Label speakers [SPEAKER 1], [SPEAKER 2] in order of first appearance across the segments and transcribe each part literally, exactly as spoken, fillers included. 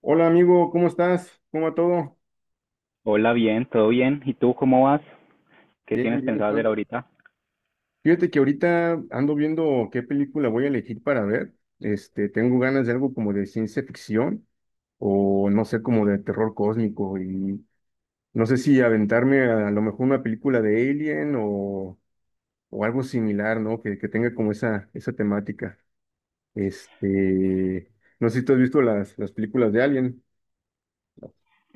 [SPEAKER 1] Hola amigo, ¿cómo estás? ¿Cómo va todo?
[SPEAKER 2] Hola, bien, todo bien. ¿Y tú cómo vas? ¿Qué
[SPEAKER 1] Bien,
[SPEAKER 2] tienes
[SPEAKER 1] bien,
[SPEAKER 2] pensado
[SPEAKER 1] Juan.
[SPEAKER 2] hacer ahorita?
[SPEAKER 1] Fíjate que ahorita ando viendo qué película voy a elegir para ver. Este, tengo ganas de algo como de ciencia ficción o no sé, como de terror cósmico y no sé si aventarme a, lo mejor una película de Alien o, o algo similar, ¿no? Que, que tenga como esa, esa temática. Este, no sé si tú has visto las, las películas de Alien.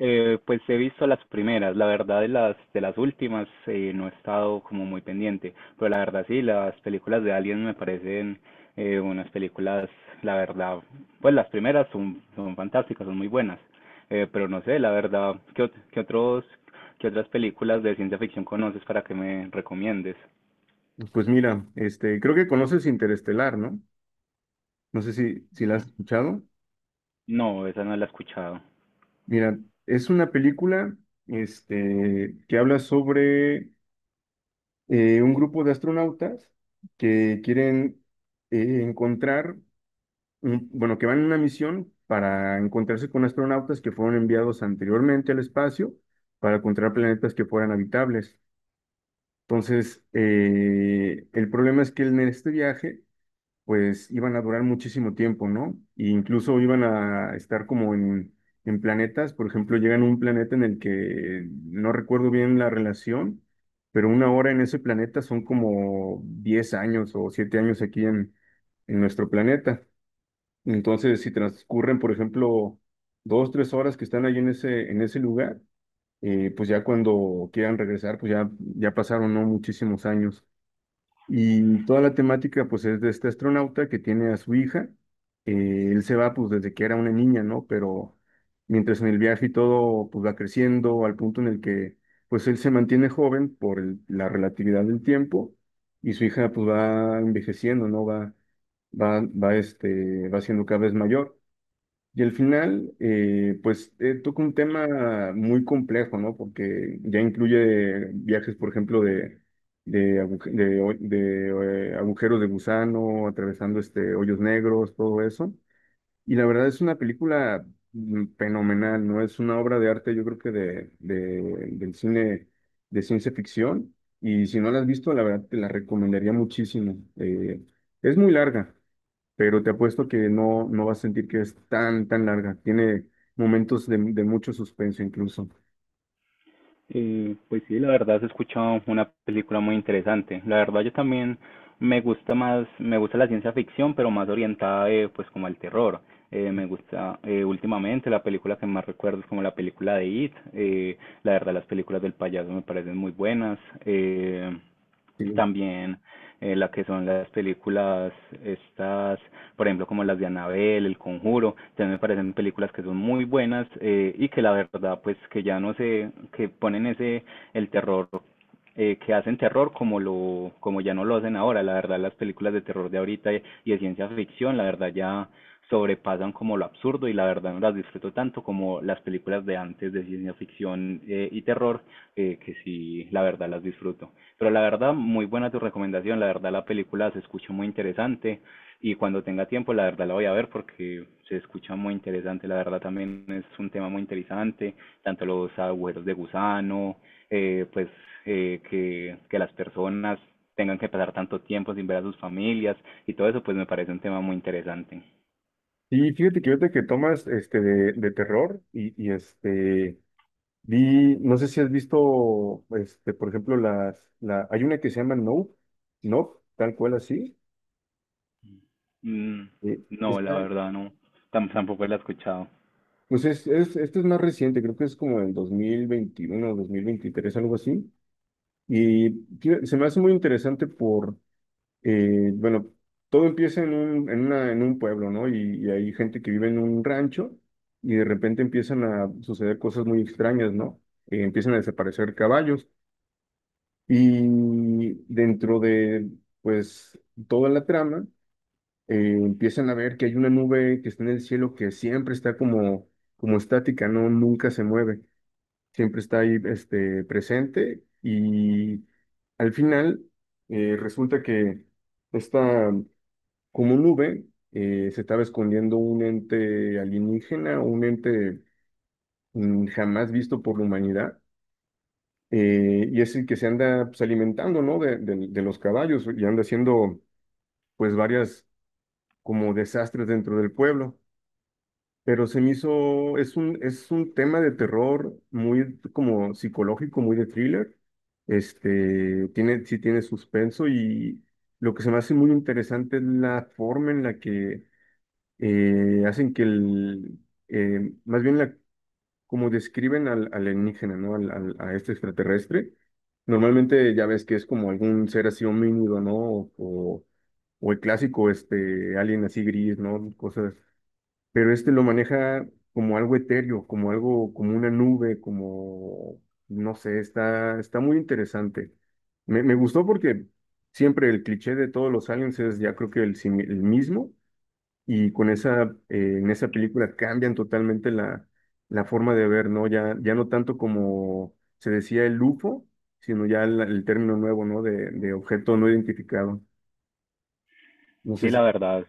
[SPEAKER 2] Eh, pues he visto las primeras, la verdad de las de las últimas eh, no he estado como muy pendiente, pero la verdad sí, las películas de Alien me parecen eh, unas películas, la verdad, pues las primeras son, son fantásticas, son muy buenas. Eh, pero no sé, la verdad, ¿qué, ot- qué otros, qué otras películas de ciencia ficción conoces para que me recomiendes?
[SPEAKER 1] Pues mira, este, creo que conoces Interestelar, ¿no? No sé si, si la
[SPEAKER 2] Mm,
[SPEAKER 1] has escuchado.
[SPEAKER 2] no, esa no la he escuchado.
[SPEAKER 1] Mira, es una película este, que habla sobre eh, un grupo de astronautas que quieren eh, encontrar, un- bueno, que van en una misión para encontrarse con astronautas que fueron enviados anteriormente al espacio para encontrar planetas que fueran habitables. Entonces, eh, el problema es que en este viaje pues iban a durar muchísimo tiempo, ¿no? E incluso iban a estar como en, en planetas, por ejemplo, llegan a un planeta en el que no recuerdo bien la relación, pero una hora en ese planeta son como diez años o siete años aquí en, en nuestro planeta. Entonces, si transcurren, por ejemplo, dos, tres horas que están ahí en ese, en ese lugar, eh, pues ya cuando quieran regresar, pues ya, ya pasaron, ¿no? Muchísimos años. Y toda la temática, pues, es de este astronauta que tiene a su hija. Eh, él se va, pues, desde que era una niña, ¿no? Pero mientras en el viaje y todo, pues, va creciendo al punto en el que, pues, él se mantiene joven por el- la relatividad del tiempo y su hija, pues, va envejeciendo, ¿no? Va, va, va, este, va siendo cada vez mayor. Y al final, eh, pues eh, toca un tema muy complejo, ¿no? Porque ya incluye viajes, por ejemplo, de, de, aguj- de ho- de, eh, agujeros de gusano, atravesando este, hoyos negros, todo eso. Y la verdad es una película mm, fenomenal, ¿no? Es una obra de arte, yo creo que de, de- del cine de ciencia ficción. Y si no la has visto, la verdad te la recomendaría muchísimo. Eh, es muy larga, pero te apuesto que no, no vas a sentir que es tan, tan larga. Tiene momentos de, de mucho suspenso incluso.
[SPEAKER 2] Eh, pues sí, la verdad, se escucha una película muy interesante. La verdad yo también me gusta más, me gusta la ciencia ficción, pero más orientada, eh, pues como al terror. Eh, me gusta, eh, últimamente la película que más recuerdo es como la película de It. Eh, la verdad las películas del payaso me parecen muy buenas. Eh,
[SPEAKER 1] Sí.
[SPEAKER 2] También, eh, la que son las películas estas, por ejemplo, como las de Annabelle, El Conjuro, también me parecen películas que son muy buenas, eh, y que la verdad, pues que ya no sé, que ponen ese, el terror, eh, que hacen terror como lo como ya no lo hacen ahora. La verdad, las películas de terror de ahorita y, y de ciencia ficción, la verdad ya sobrepasan como lo absurdo y la verdad no las disfruto tanto como las películas de antes de ciencia ficción, eh, y terror, eh, que sí, la verdad las disfruto. Pero la verdad, muy buena tu recomendación, la verdad la película se escucha muy interesante y cuando tenga tiempo la verdad la voy a ver porque se escucha muy interesante, la verdad también es un tema muy interesante, tanto los agujeros de gusano, eh, pues eh, que, que las personas tengan que pasar tanto tiempo sin ver a sus familias y todo eso, pues me parece un tema muy interesante.
[SPEAKER 1] Y fíjate que ahorita que tomas este de, de terror y, y, este vi, no sé si has visto este, por ejemplo, las la, hay una que se llama No, No, tal cual así.
[SPEAKER 2] Mm,
[SPEAKER 1] eh,
[SPEAKER 2] no, la
[SPEAKER 1] esta-
[SPEAKER 2] verdad no, tam- tampoco la he escuchado.
[SPEAKER 1] pues es, es, esta es más reciente, creo que es como en dos mil veintiuno dos mil veintitrés algo así. Y fí- se me hace muy interesante por eh, bueno, todo empieza en un, en una- en un pueblo, ¿no? Y, y hay gente que vive en un rancho y de repente empiezan a suceder cosas muy extrañas, ¿no? Eh, empiezan a desaparecer caballos y dentro de, pues, toda la trama, eh, empiezan a ver que hay una nube que está en el cielo que siempre está como, como estática, ¿no? Nunca se mueve, siempre está ahí, este, presente y al final eh, resulta que esta como un nube, eh, se estaba escondiendo un ente alienígena, un ente mm, jamás visto por la humanidad, eh, y es el que se anda pues, alimentando, ¿no? De, de- de los caballos y anda haciendo, pues, varias como desastres dentro del pueblo. Pero se me hizo, es un, es un tema de terror muy como psicológico, muy de thriller. Este, tiene, sí tiene suspenso y lo que se me hace muy interesante es la forma en la que eh, hacen que el, eh, más bien la, como describen al al alienígena, ¿no? Al, al- a este extraterrestre, normalmente ya ves que es como algún ser así homínido, ¿no? O, o el clásico este alien así gris, ¿no? Cosas, pero este lo maneja como algo etéreo, como algo, como una nube, como, no sé, está, está muy interesante. Me, me gustó porque siempre el cliché de todos los aliens es ya creo que el, simi- el mismo y con esa, eh, en esa película cambian totalmente la, la forma de ver, ¿no? Ya, ya no tanto como se decía el U F O, sino ya el, el término nuevo, ¿no? De, de objeto no identificado. No sé
[SPEAKER 2] Sí, la
[SPEAKER 1] si...
[SPEAKER 2] verdad,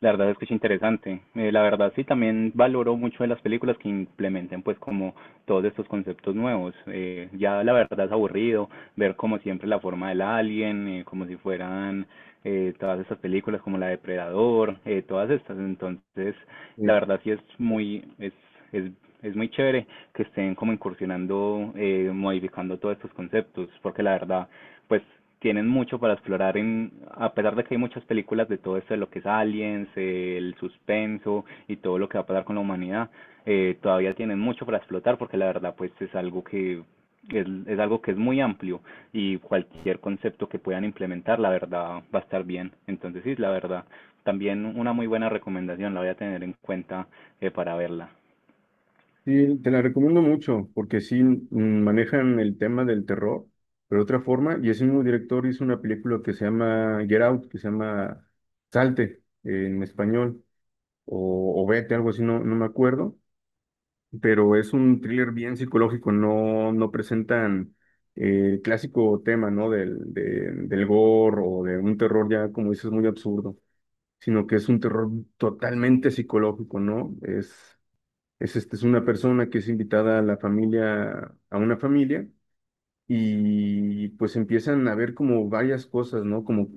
[SPEAKER 2] la verdad es que es interesante. Eh, la verdad sí también valoro mucho de las películas que implementen pues como todos estos conceptos nuevos. Eh, ya la verdad es aburrido ver como siempre la forma del alien, eh, como si fueran, eh, todas estas películas como la Depredador, eh, todas estas. Entonces la
[SPEAKER 1] eh,
[SPEAKER 2] verdad sí es muy es es es muy chévere que estén como incursionando, eh, modificando todos estos conceptos, porque la verdad pues tienen mucho para explorar en, a pesar de que hay muchas películas de todo esto de lo que es aliens, eh, el suspenso y todo lo que va a pasar con la humanidad, eh, todavía tienen mucho para explotar porque la verdad pues es algo que es, es algo que es muy amplio y cualquier concepto que puedan implementar la verdad va a estar bien. Entonces sí, la verdad, también una muy buena recomendación, la voy a tener en cuenta, eh, para verla.
[SPEAKER 1] sí, te la recomiendo mucho, porque sí mm, manejan el tema del terror, pero de otra forma, y ese mismo director hizo una película que se llama Get Out, que se llama Salte, eh, en español, o, o Vete, algo así, no, no me acuerdo, pero es un thriller bien psicológico, no, no presentan eh, el clásico tema, ¿no? Del, de- del gore o de un terror ya, como dices, muy absurdo, sino que es un terror totalmente psicológico, ¿no? Es, es, este, es una persona que es invitada a la familia, a una familia y pues empiezan a ver como varias cosas, ¿no? Como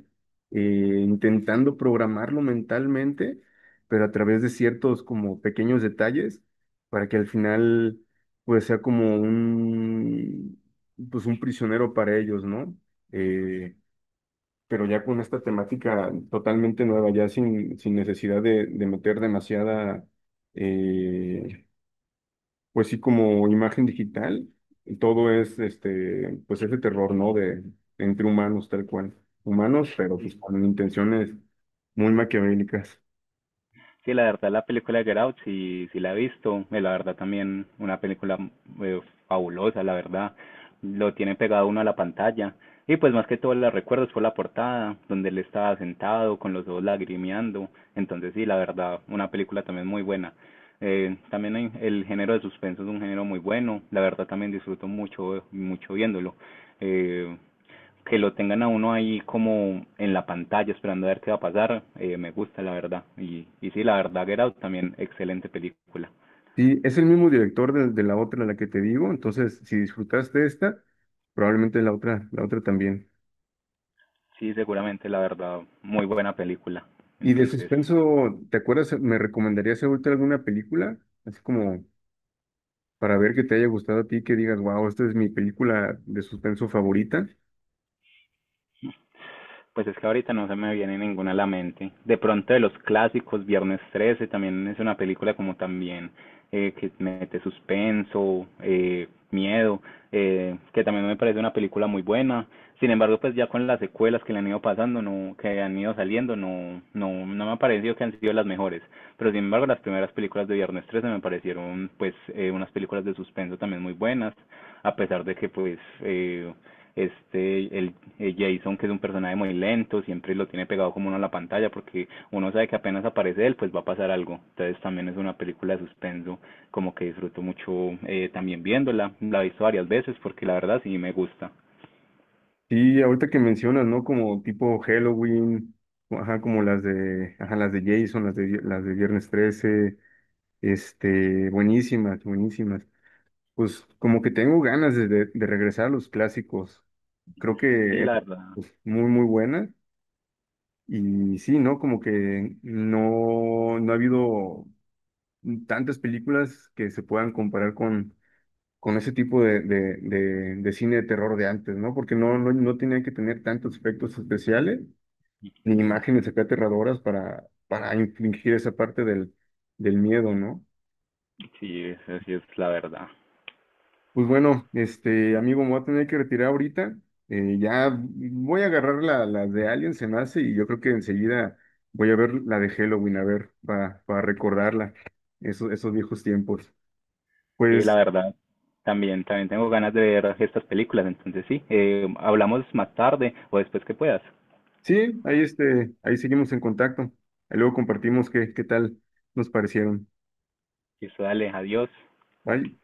[SPEAKER 1] eh, intentando programarlo mentalmente, pero a través de ciertos como pequeños detalles, para que al final pues sea como un, pues un prisionero para ellos, ¿no? Eh, pero ya con esta temática totalmente nueva, ya sin, sin necesidad de, de meter demasiada... eh, pues sí, como imagen digital, todo es este, pues ese terror, ¿no? De entre humanos, tal cual. Humanos, pero pues con intenciones muy maquiavélicas.
[SPEAKER 2] Sí, la verdad, la película de Get Out, sí, sí la he visto. Eh, La verdad, también una película, eh, fabulosa, la verdad. Lo tiene pegado uno a la pantalla. Y pues más que todo la recuerdo es por la portada, donde él estaba sentado con los ojos lagrimeando. Entonces sí, la verdad, una película también muy buena. Eh, también hay- el género de suspenso es un género muy bueno. La verdad, también disfruto mucho, mucho viéndolo. Eh, que lo tengan a uno ahí como en la pantalla esperando a ver qué va a pasar, eh, me gusta la verdad. Y, y sí, la verdad, Get Out también excelente película.
[SPEAKER 1] Sí, es el mismo director de, de la otra, la que te digo, entonces si disfrutaste esta, probablemente la otra, la otra también.
[SPEAKER 2] Sí, seguramente la verdad, muy buena película.
[SPEAKER 1] Y de
[SPEAKER 2] Entonces,
[SPEAKER 1] suspenso, ¿te acuerdas? ¿Me recomendarías ahorita alguna película? Así como para ver que te haya gustado a ti, que digas, wow, esta es mi película de suspenso favorita.
[SPEAKER 2] pues es que ahorita no se me viene ninguna a la mente. De pronto de los clásicos, Viernes trece también es una película como también, eh, que mete suspenso, eh, miedo, eh, que también me parece una película muy buena. Sin embargo, pues ya con las secuelas que le han ido pasando, no, que han ido saliendo, no, no, no me ha parecido que han sido las mejores. Pero sin embargo, las primeras películas de Viernes trece me parecieron pues, eh, unas películas de suspenso también muy buenas, a pesar de que pues, eh, este, el, el Jason, que es un personaje muy lento, siempre lo tiene pegado como uno a la pantalla porque uno sabe que apenas aparece él, pues va a pasar algo. Entonces también es una película de suspenso, como que disfruto mucho, eh, también viéndola. La he visto varias veces porque la verdad sí me gusta.
[SPEAKER 1] Sí, ahorita que mencionas, ¿no? Como tipo Halloween, o ajá, como las de, ajá, las de Jason, las de, las de Viernes trece, este, buenísimas, buenísimas. Pues como que tengo ganas de, de- de regresar a los clásicos. Creo que
[SPEAKER 2] Sí,
[SPEAKER 1] eran,
[SPEAKER 2] la verdad.
[SPEAKER 1] pues, muy, muy buenas. Y sí, ¿no? Como que no, no ha habido tantas películas que se puedan comparar con, con ese tipo de, de, de, de cine de terror de antes, ¿no? Porque no, no, no tenía que tener tantos efectos especiales ni imágenes acá aterradoras para, para infligir esa parte del, del miedo, ¿no?
[SPEAKER 2] Sí, esa sí es la verdad.
[SPEAKER 1] Pues bueno, este amigo, me voy a tener que retirar ahorita. Eh, ya voy a agarrar la, la de Alien, se me hace, y yo creo que enseguida voy a ver la de Halloween, a ver, para, para recordarla, esos, esos viejos tiempos.
[SPEAKER 2] Sí, la
[SPEAKER 1] Pues
[SPEAKER 2] verdad. También, también tengo ganas de ver estas películas, entonces sí, eh, hablamos más tarde o después que puedas.
[SPEAKER 1] sí, ahí, este, ahí seguimos en contacto. Ahí luego compartimos qué, qué tal nos parecieron.
[SPEAKER 2] Eso, dale, adiós.
[SPEAKER 1] Bye.